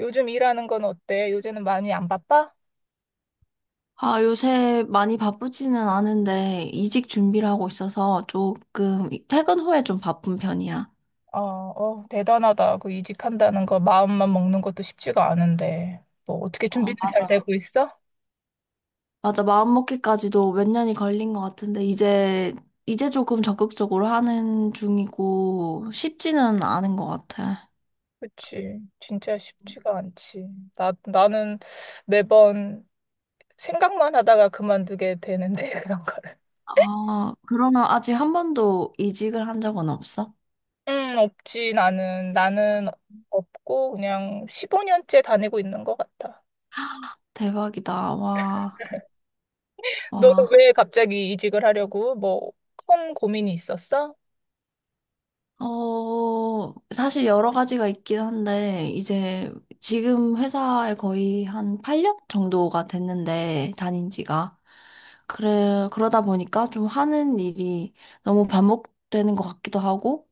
요즘 일하는 건 어때? 요새는 많이 안 바빠? 아, 요새 많이 바쁘지는 않은데 이직 준비를 하고 있어서 조금 퇴근 후에 좀 바쁜 편이야. 어, 어, 대단하다. 그 이직한다는 거 마음만 먹는 것도 쉽지가 않은데. 뭐 어떻게 어, 준비는 잘 맞아. 되고 있어? 맞아, 마음먹기까지도 몇 년이 걸린 것 같은데 이제 조금 적극적으로 하는 중이고 쉽지는 않은 것 같 아, 그치. 진짜 쉽지가 않지. 나는 매번 생각만 하다가 그만두게 되는데, 그런 거를. 아, 그러면 아직 한 번도 이직을 한 적은 없어? 없지. 나는 없고, 그냥 15년째 다니고 있는 것 같아. 대박이다. 와, 너는 와. 왜 갑자기 이직을 하려고? 뭐, 큰 고민이 있었어? 어, 사실 여러 가지가 있긴 한데, 이제 지금 회사에 거의 한 8년 정도가 됐는데, 다닌 지가. 그래, 그러다 보니까 좀 하는 일이 너무 반복되는 것 같기도 하고,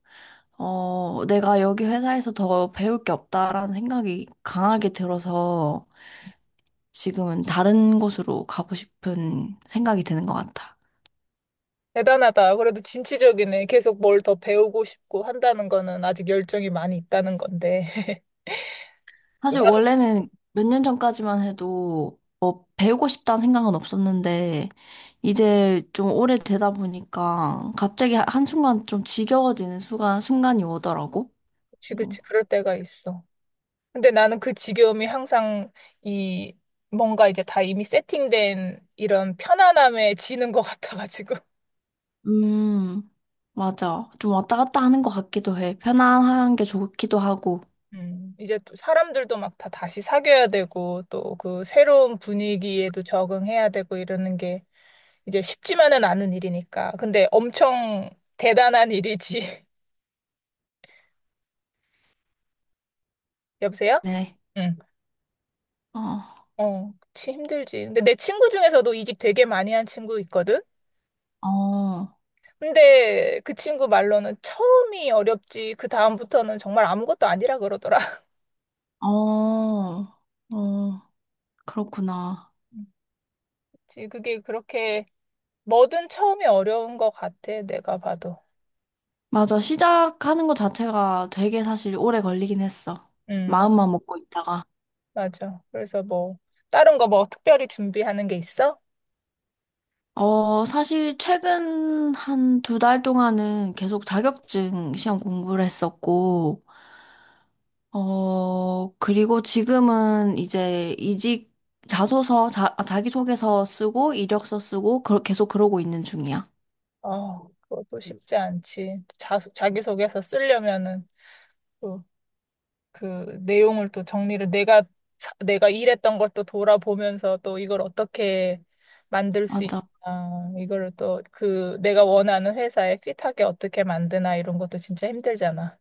어, 내가 여기 회사에서 더 배울 게 없다라는 생각이 강하게 들어서 지금은 다른 곳으로 가고 싶은 생각이 드는 것 같아. 대단하다. 그래도 진취적이네. 계속 뭘 더 배우고 싶고 한다는 거는 아직 열정이 많이 있다는 건데. 사실 나도 원래는 몇 년 전까지만 해도 배우고 싶다는 생각은 없었는데, 이제 좀 오래 되다 보니까 갑자기 한순간 좀 지겨워지는 순간이 오더라고. 그치. 그럴 때가 있어. 근데 나는 그 지겨움이 항상 이 뭔가 이제 다 이미 세팅된 이런 편안함에 지는 것 같아가지고. 음, 맞아. 좀 왔다 갔다 하는 것 같기도 해. 편안한 게 좋기도 하고. 이제 또 사람들도 막 다 다시 사귀어야 되고 또 그 새로운 분위기에도 적응해야 되고 이러는 게 이제 쉽지만은 않은 일이니까. 근데 엄청 대단한 일이지. 여보세요? 네. 응. 어, 어, 그치, 힘들지. 근데 내 친구 중에서도 이직 되게 많이 한 친구 있거든? 어, 근데 그 친구 말로는 처음이 어렵지, 그 다음부터는 정말 아무것도 아니라 그러더라. 어, 어, 그렇구나. 음, 그치, 그게 그렇게 뭐든 처음이 어려운 것 같아, 내가 봐도. 맞아. 시작하는 것 자체가 되게 사실 오래 걸리긴 했어. 음, 맞- 마음만 먹고 있다가. 맞아. 그래서 뭐, 다른 거 뭐 특별히 준비하는 게 있어? 어, 사실 최근 한 두 달 동안은 계속 자격증 시험 공부를 했었고, 어, 그리고 지금은 이제 이직 자소서, 자기소개서 쓰고, 이력서 쓰고, 그러, 계속 그러고 있는 중이야. 어, 그것도 쉽지 않지. 자기소개서 쓰려면은. 또 그 내용을 또 정리를 내가 내가 일했던 걸 또 돌아보면서 또 이걸 어떻게 만들 수 맞아. 있나 이거를 또 그 내가 원하는 회사에 핏하게 어떻게 만드나 이런 것도 진짜 힘들잖아.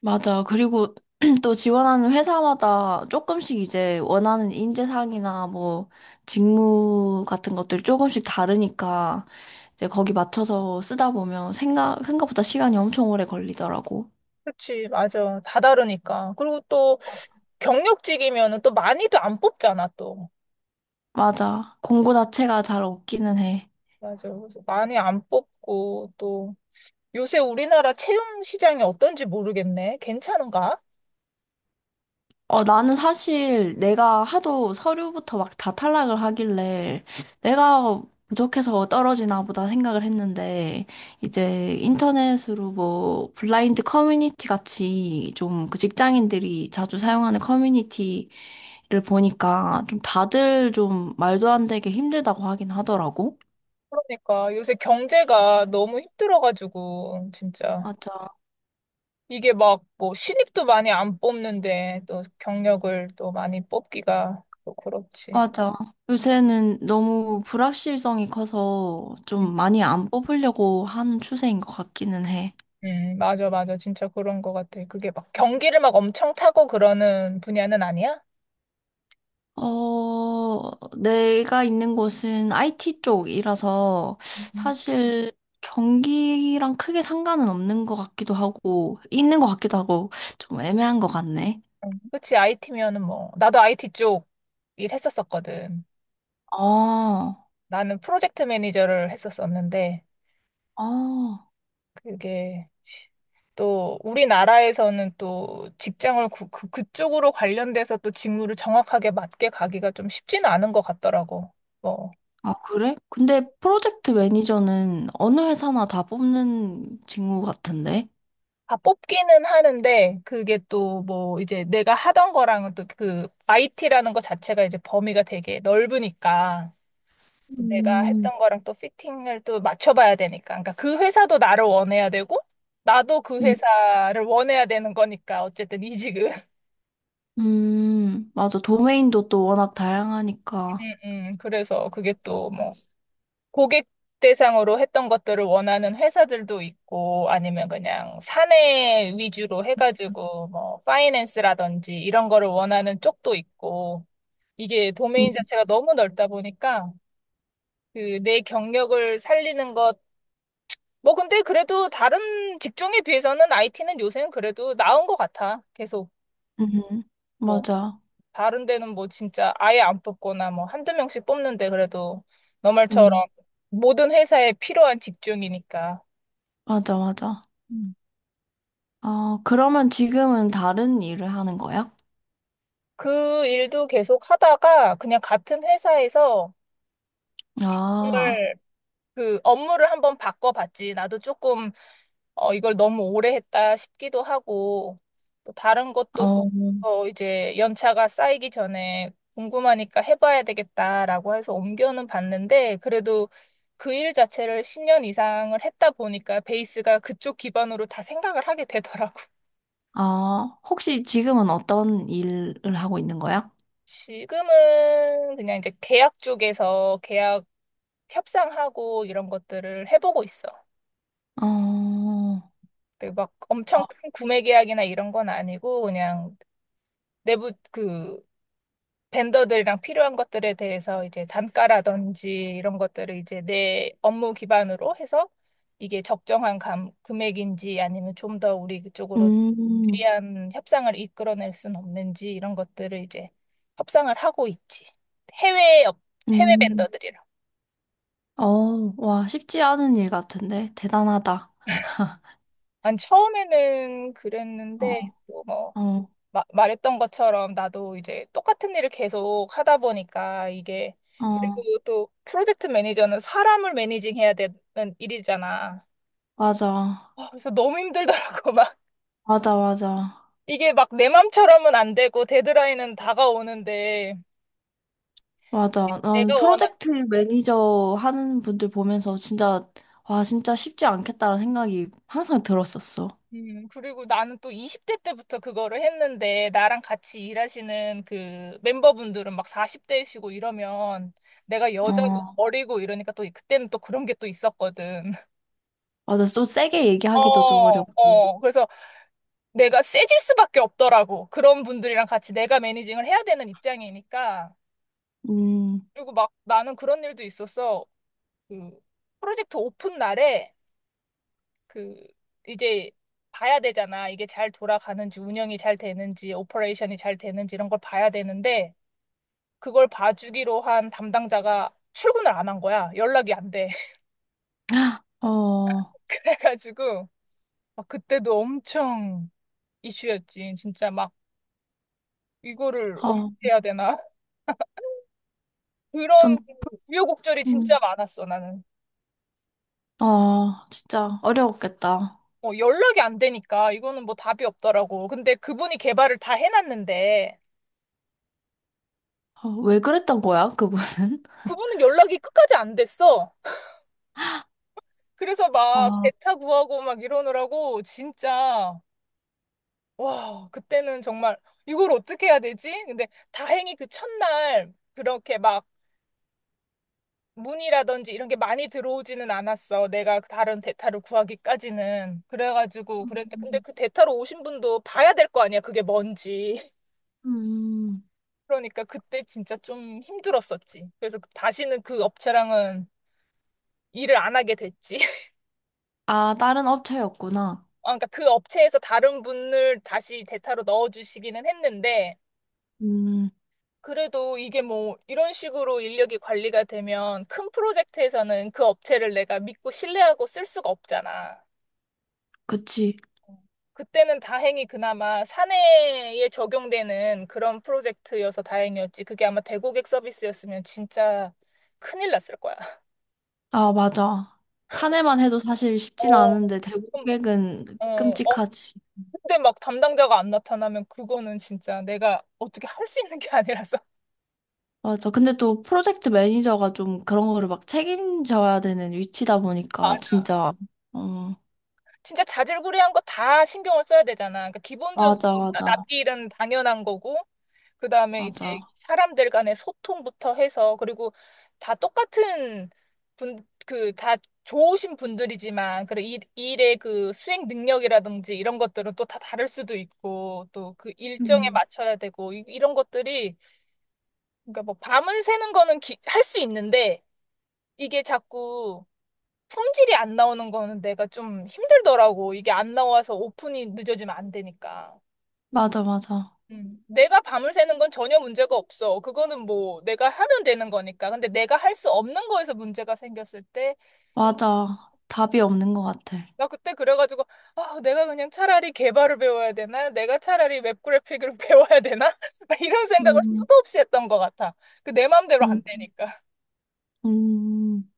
맞아. 그리고 또 지원하는 회사마다 조금씩 이제 원하는 인재상이나 뭐 직무 같은 것들이 조금씩 다르니까 이제 거기 맞춰서 쓰다 보면 생각보다 시간이 엄청 오래 걸리더라고. 그치, 맞아. 다 다르니까. 그리고 또 경력직이면은 또 많이도 안 뽑잖아, 또. 맞아. 공고 자체가 잘 없기는 해. 맞아. 그래서 많이 안 뽑고 또 요새 우리나라 채용 시장이 어떤지 모르겠네. 괜찮은가? 어, 나는 사실 내가 하도 서류부터 막 다 탈락을 하길래 내가 부족해서 떨어지나 보다 생각을 했는데 이제 인터넷으로 뭐 블라인드 커뮤니티 같이 좀 그 직장인들이 자주 사용하는 커뮤니티를 보니까 좀 다들 좀 말도 안 되게 힘들다고 하긴 하더라고. 그러니까 요새 경제가 너무 힘들어가지고 진짜. 맞아. 이게 막 뭐 신입도 많이 안 뽑는데 또 경력을 또 많이 뽑기가 또 그렇지. 맞아. 요새는 너무 불확실성이 커서 음, 좀 많이 안 뽑으려고 하는 추세인 것 같기는 해. 맞아. 진짜 그런 것 같아. 그게 막 경기를 막 엄청 타고 그러는 분야는 아니야? 어, 내가 있는 곳은 IT 쪽이라서 음. 사실 경기랑 크게 상관은 없는 것 같기도 하고, 있는 것 같기도 하고, 좀 애매한 것 같네. 그치, IT면은 뭐. 나도 IT 쪽 일했었었거든. 아, 나는 프로젝트 매니저를 했었었는데, 아, 이게 또 우리나라에서는 또 직장을 그쪽으로 관련돼서 또 직무를 정확하게 맞게 가기가 좀 쉽지는 않은 것 같더라고. 뭐, 아, 그래? 근데 프로젝트 매니저는 어느 회사나 다 뽑는 직무 같은데? 다 뽑기는 하는데 그게 또 뭐 이제 내가 하던 거랑은 또 그 IT라는 것 자체가 이제 범위가 되게 넓으니까 내가 음, 했던 거랑 또 피팅을 또 맞춰봐야 되니까. 그러니까 그 회사도 나를 원해야 되고 나도 그 음, 회사를 원해야 되는 거니까 어쨌든 이직은. 맞아. 도메인도 또 워낙 다양하니까. 음, 그래서 그게 또뭐 고객 대상으로 했던 것들을 원하는 회사들도 있고 아니면 그냥 사내 위주로 해가지고 뭐 파이낸스라든지 이런 거를 원하는 쪽도 있고 이게 음, 도메인 자체가 너무 넓다 보니까 그 내 경력을 살리는 것 뭐 근데 그래도 다른 직종에 비해서는 IT는 요새는 그래도 나은 것 같아 계속 음, 뭐 맞아. 다른 데는 뭐 진짜 아예 안 뽑거나 뭐 한두 명씩 뽑는데 그래도 너 말처럼 음, 모든 회사에 필요한 직종이니까. 맞아, 맞아. 어, 그러면 지금은 다른 일을 하는 거야? 그 일도 계속 하다가 그냥 같은 회사에서 아, 정말 그 업무를 한번 바꿔봤지. 나도 조금 어, 이걸 너무 오래 했다 싶기도 하고 또 다른 것도 어, 어, 이제 연차가 쌓이기 전에 궁금하니까 해봐야 되겠다라고 해서 옮겨는 봤는데 그래도 그 일 자체를 10년 이상을 했다 보니까 베이스가 그쪽 기반으로 다 생각을 하게 되더라고. 아, 혹시 지금은 어떤 일을 하고 있는 거야? 지금은 그냥 이제 계약 쪽에서 계약 협상하고 이런 것들을 해보고 있어. 어, 어, 근데 막 엄청 큰 구매 계약이나 이런 건 아니고 그냥 내부 그 벤더들이랑 필요한 것들에 대해서 이제 단가라든지 이런 것들을 이제 내 업무 기반으로 해서 이게 적정한 금액인지 아니면 좀 더 우리 쪽으로 음, 유리한 협상을 이끌어낼 수는 없는지 이런 것들을 이제 협상을 하고 있지. 해외 업- 해외 음, 벤더들이랑. 어, 와, 쉽지 않은 일 같은데? 대단하다. 난 처음에는 어, 그랬는데 또뭐 어, 말했던 것처럼 나도 이제 똑같은 일을 계속 하다 보니까 이게 그리고 어, 또 프로젝트 매니저는 사람을 매니징해야 되는 일이잖아. 맞아. 어, 그래서 너무 힘들더라고. 막 맞아, 맞아. 이게 막 내 맘처럼은 안 되고 데드라인은 다가오는데 맞아. 난 내가 원한 프로젝트 매니저 하는 분들 보면서 진짜, 와, 진짜 쉽지 않겠다라는 생각이 항상 들었었어. 그리고 나는 또 20대 때부터 그거를 했는데 나랑 같이 일하시는 그 멤버분들은 막 40대이시고 이러면 내가 여자고 어, 어리고 이러니까 또 그때는 또 그런 게 또 있었거든. 맞아, 좀 세게 어, 얘기하기도 좀 어렵고. 어. 그래서 내가 세질 수밖에 없더라고. 그런 분들이랑 같이 내가 매니징을 해야 되는 입장이니까. 음, 그리고 막 나는 그런 일도 있었어. 그 프로젝트 오픈 날에 그 이제 봐야 되잖아. 이게 잘 돌아가는지, 운영이 잘 되는지, 오퍼레이션이 잘 되는지 이런 걸 봐야 되는데 그걸 봐주기로 한 담당자가 출근을 안 한 거야. 연락이 안 돼. 어, 어, 그래가지고 막 그때도 엄청 이슈였지. 진짜 막 이거를 어떻게 해야 되나. 좀, 그런 우여곡절이 진짜 음, 많았어, 나는. 어, 진짜 어려웠겠다. 어, 연락이 안 되니까 이거는 뭐 답이 없더라고. 근데 그분이 개발을 다 해놨는데 어, 왜 그랬던 거야, 그분은? 그분은 연락이 끝까지 안 됐어. 그래서 막 아, 대타 구하고 막 이러느라고 진짜 와, 그때는 정말 이걸 어떻게 해야 되지? 근데 다행히 그 첫날 그렇게 막 문의라든지 이런 게 많이 들어오지는 않았어. 내가 다른 대타를 구하기까지는. 그래가지고 그랬는데 근데 음, 그 대타로 오신 분도 봐야 될 거 아니야. 그게 뭔지. 음. 그러니까 그때 진짜 좀 힘들었었지. 그래서 다시는 그 업체랑은 일을 안 하게 됐지. 아, 다른 업체였구나. 아, 그러니까 그 업체에서 다른 분을 다시 대타로 넣어주시기는 했는데, 음, 그래도 이게 뭐 이런 식으로 인력이 관리가 되면 큰 프로젝트에서는 그 업체를 내가 믿고 신뢰하고 쓸 수가 없잖아. 그치. 어, 그때는 다행히 그나마 사내에 적용되는 그런 프로젝트여서 다행이었지. 그게 아마 대고객 서비스였으면 진짜 큰일 났을 거야. 아, 맞아. 사내만 해도 사실 쉽진 어, 않은데, 좀, 대고객은 어, 끔찍하지. 근데 막 담당자가 안 나타나면 그거는 진짜 내가 어떻게 할 수 있는 게 아니라서. 맞아. 근데 또 프로젝트 매니저가 좀 그런 거를 막 책임져야 되는 위치다 보니까, 맞아. 진짜. 어, 진짜 자질구레한 거 다 신경을 써야 되잖아. 그러니까 기본적으로 맞아, 맞아. 납기일은 당연한 거고, 그 다음에 이제 맞아. 사람들 간의 소통부터 해서, 그리고 다 똑같은 다 좋으신 분들이지만, 그리고 일의 그 수행 능력이라든지 이런 것들은 또 다 다를 수도 있고, 또 그 일정에 음. 맞춰야 되고, 이런 것들이, 그러니까 뭐 밤을 새는 거는 할 수 있는데, 이게 자꾸 품질이 안 나오는 거는 내가 좀 힘들더라고. 이게 안 나와서 오픈이 늦어지면 안 되니까. 맞아, 맞아. 음. 내가 밤을 새는 건 전혀 문제가 없어. 그거는 뭐 내가 하면 되는 거니까. 근데 내가 할 수 없는 거에서 문제가 생겼을 때, 맞아. 답이 없는 것 같아. 나 그때 그래가지고, 아, 내가 그냥 차라리 개발을 배워야 되나? 내가 차라리 웹 그래픽을 배워야 되나? 막 이런 생각을 음, 수도 없이 했던 것 같아. 그 내 마음대로 음, 안 되니까. 음.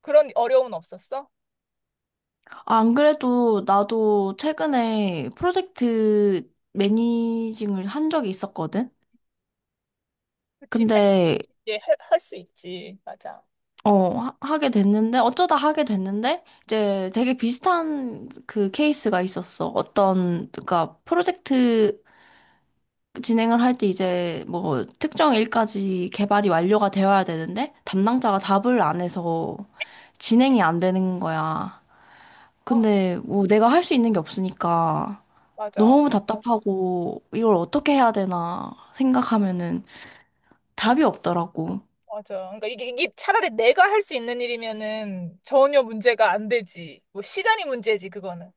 그런 어려움은 없었어? 아, 안 그래도 나도 최근에 프로젝트 매니징을 한 적이 있었거든? 그치, 할수 근데, 지 할, 할수 있지. 맞아. 어, 하게 됐는데, 어쩌다 하게 됐는데, 이제 되게 비슷한 그 케이스가 있었어. 어떤, 그러니까 프로젝트 진행을 할 때 이제 뭐 특정 일까지 개발이 완료가 되어야 되는데 담당자가 답을 안 해서 진행이 안 되는 거야. 아, 근데 뭐 내가 할 수 있는 게 없으니까 맞아. 너무 답답하고 이걸 어떻게 해야 되나 생각하면은 답이 없더라고. 맞아. 그러니까 이게 차라리 내가 할 수 있는 일이면은 전혀 문제가 안 되지. 뭐 시간이 문제지 그거는.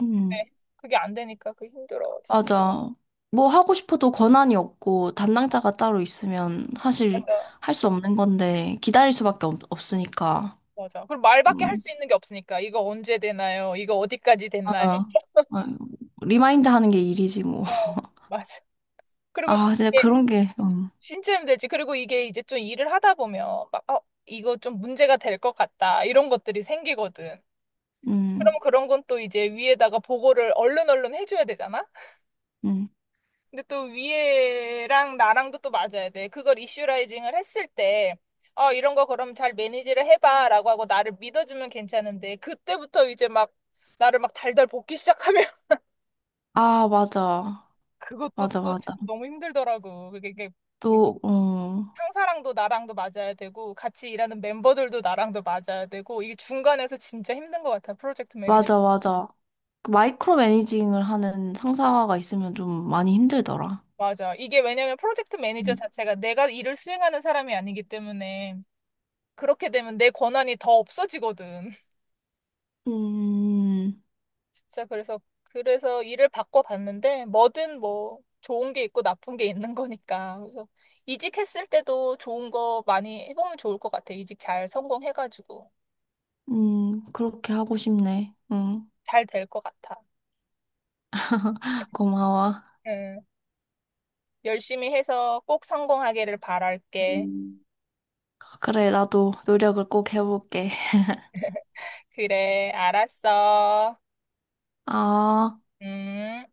음, 네. 그게 안 되니까 그 힘들어 진짜. 맞아. 뭐 하고 싶어도 권한이 없고 담당자가 따로 있으면 사실 맞아. 할 수 없는 건데 기다릴 수밖에 없으니까. 맞아. 그리고 말밖에 할 음. 수 있는 게 없으니까 이거 언제 되나요? 이거 어디까지 됐나요? 어, 어, 리마인드 하는 게 일이지, 뭐. 어, 맞아. 그리고 아, 진짜 이게 그런 게, 진짜 힘들지. 그리고 이게 이제 좀 일을 하다 보면 막 어, 이거 좀 문제가 될 것 같다. 이런 것들이 생기거든. 음, 그러면 그런 건 또 이제 위에다가 보고를 얼른 얼른 해줘야 되잖아. 음. 근데 또 위에랑 나랑도 또 맞아야 돼. 그걸 이슈라이징을 했을 때, 어, 이런 거 그럼 잘 매니지를 해봐. 라고 하고 나를 믿어주면 괜찮은데, 그때부터 이제 막 나를 막 달달 볶기 시작하면 아, 맞아. 그것도 맞아, 또 맞아. 너무 힘들더라고. 그게 이게 또, 응 상사랑도 나랑도 맞아야 되고, 같이 일하는 멤버들도 나랑도 맞아야 되고, 이게 중간에서 진짜 힘든 것 같아. 프로젝트 매니저. 맞아, 맞아. 그 마이크로 매니징을 하는 상사가 있으면 좀 많이 힘들더라. 맞아. 이게 왜냐면 프로젝트 매니저 음, 자체가 내가 일을 수행하는 사람이 아니기 때문에, 그렇게 되면 내 권한이 더 없어지거든. 음, 진짜 그래서 일을 바꿔봤는데 뭐든 뭐 좋은 게 있고 나쁜 게 있는 거니까 그래서 이직했을 때도 좋은 거 많이 해보면 좋을 것 같아. 이직 잘 성공해가지고 그렇게 하고 싶네. 잘 될 것 같아. 고마워. 응. 열심히 해서 꼭 성공하기를 바랄게. 음. 그래, 나도 노력을 꼭 해볼게. 그래, 알았어. 아. 음.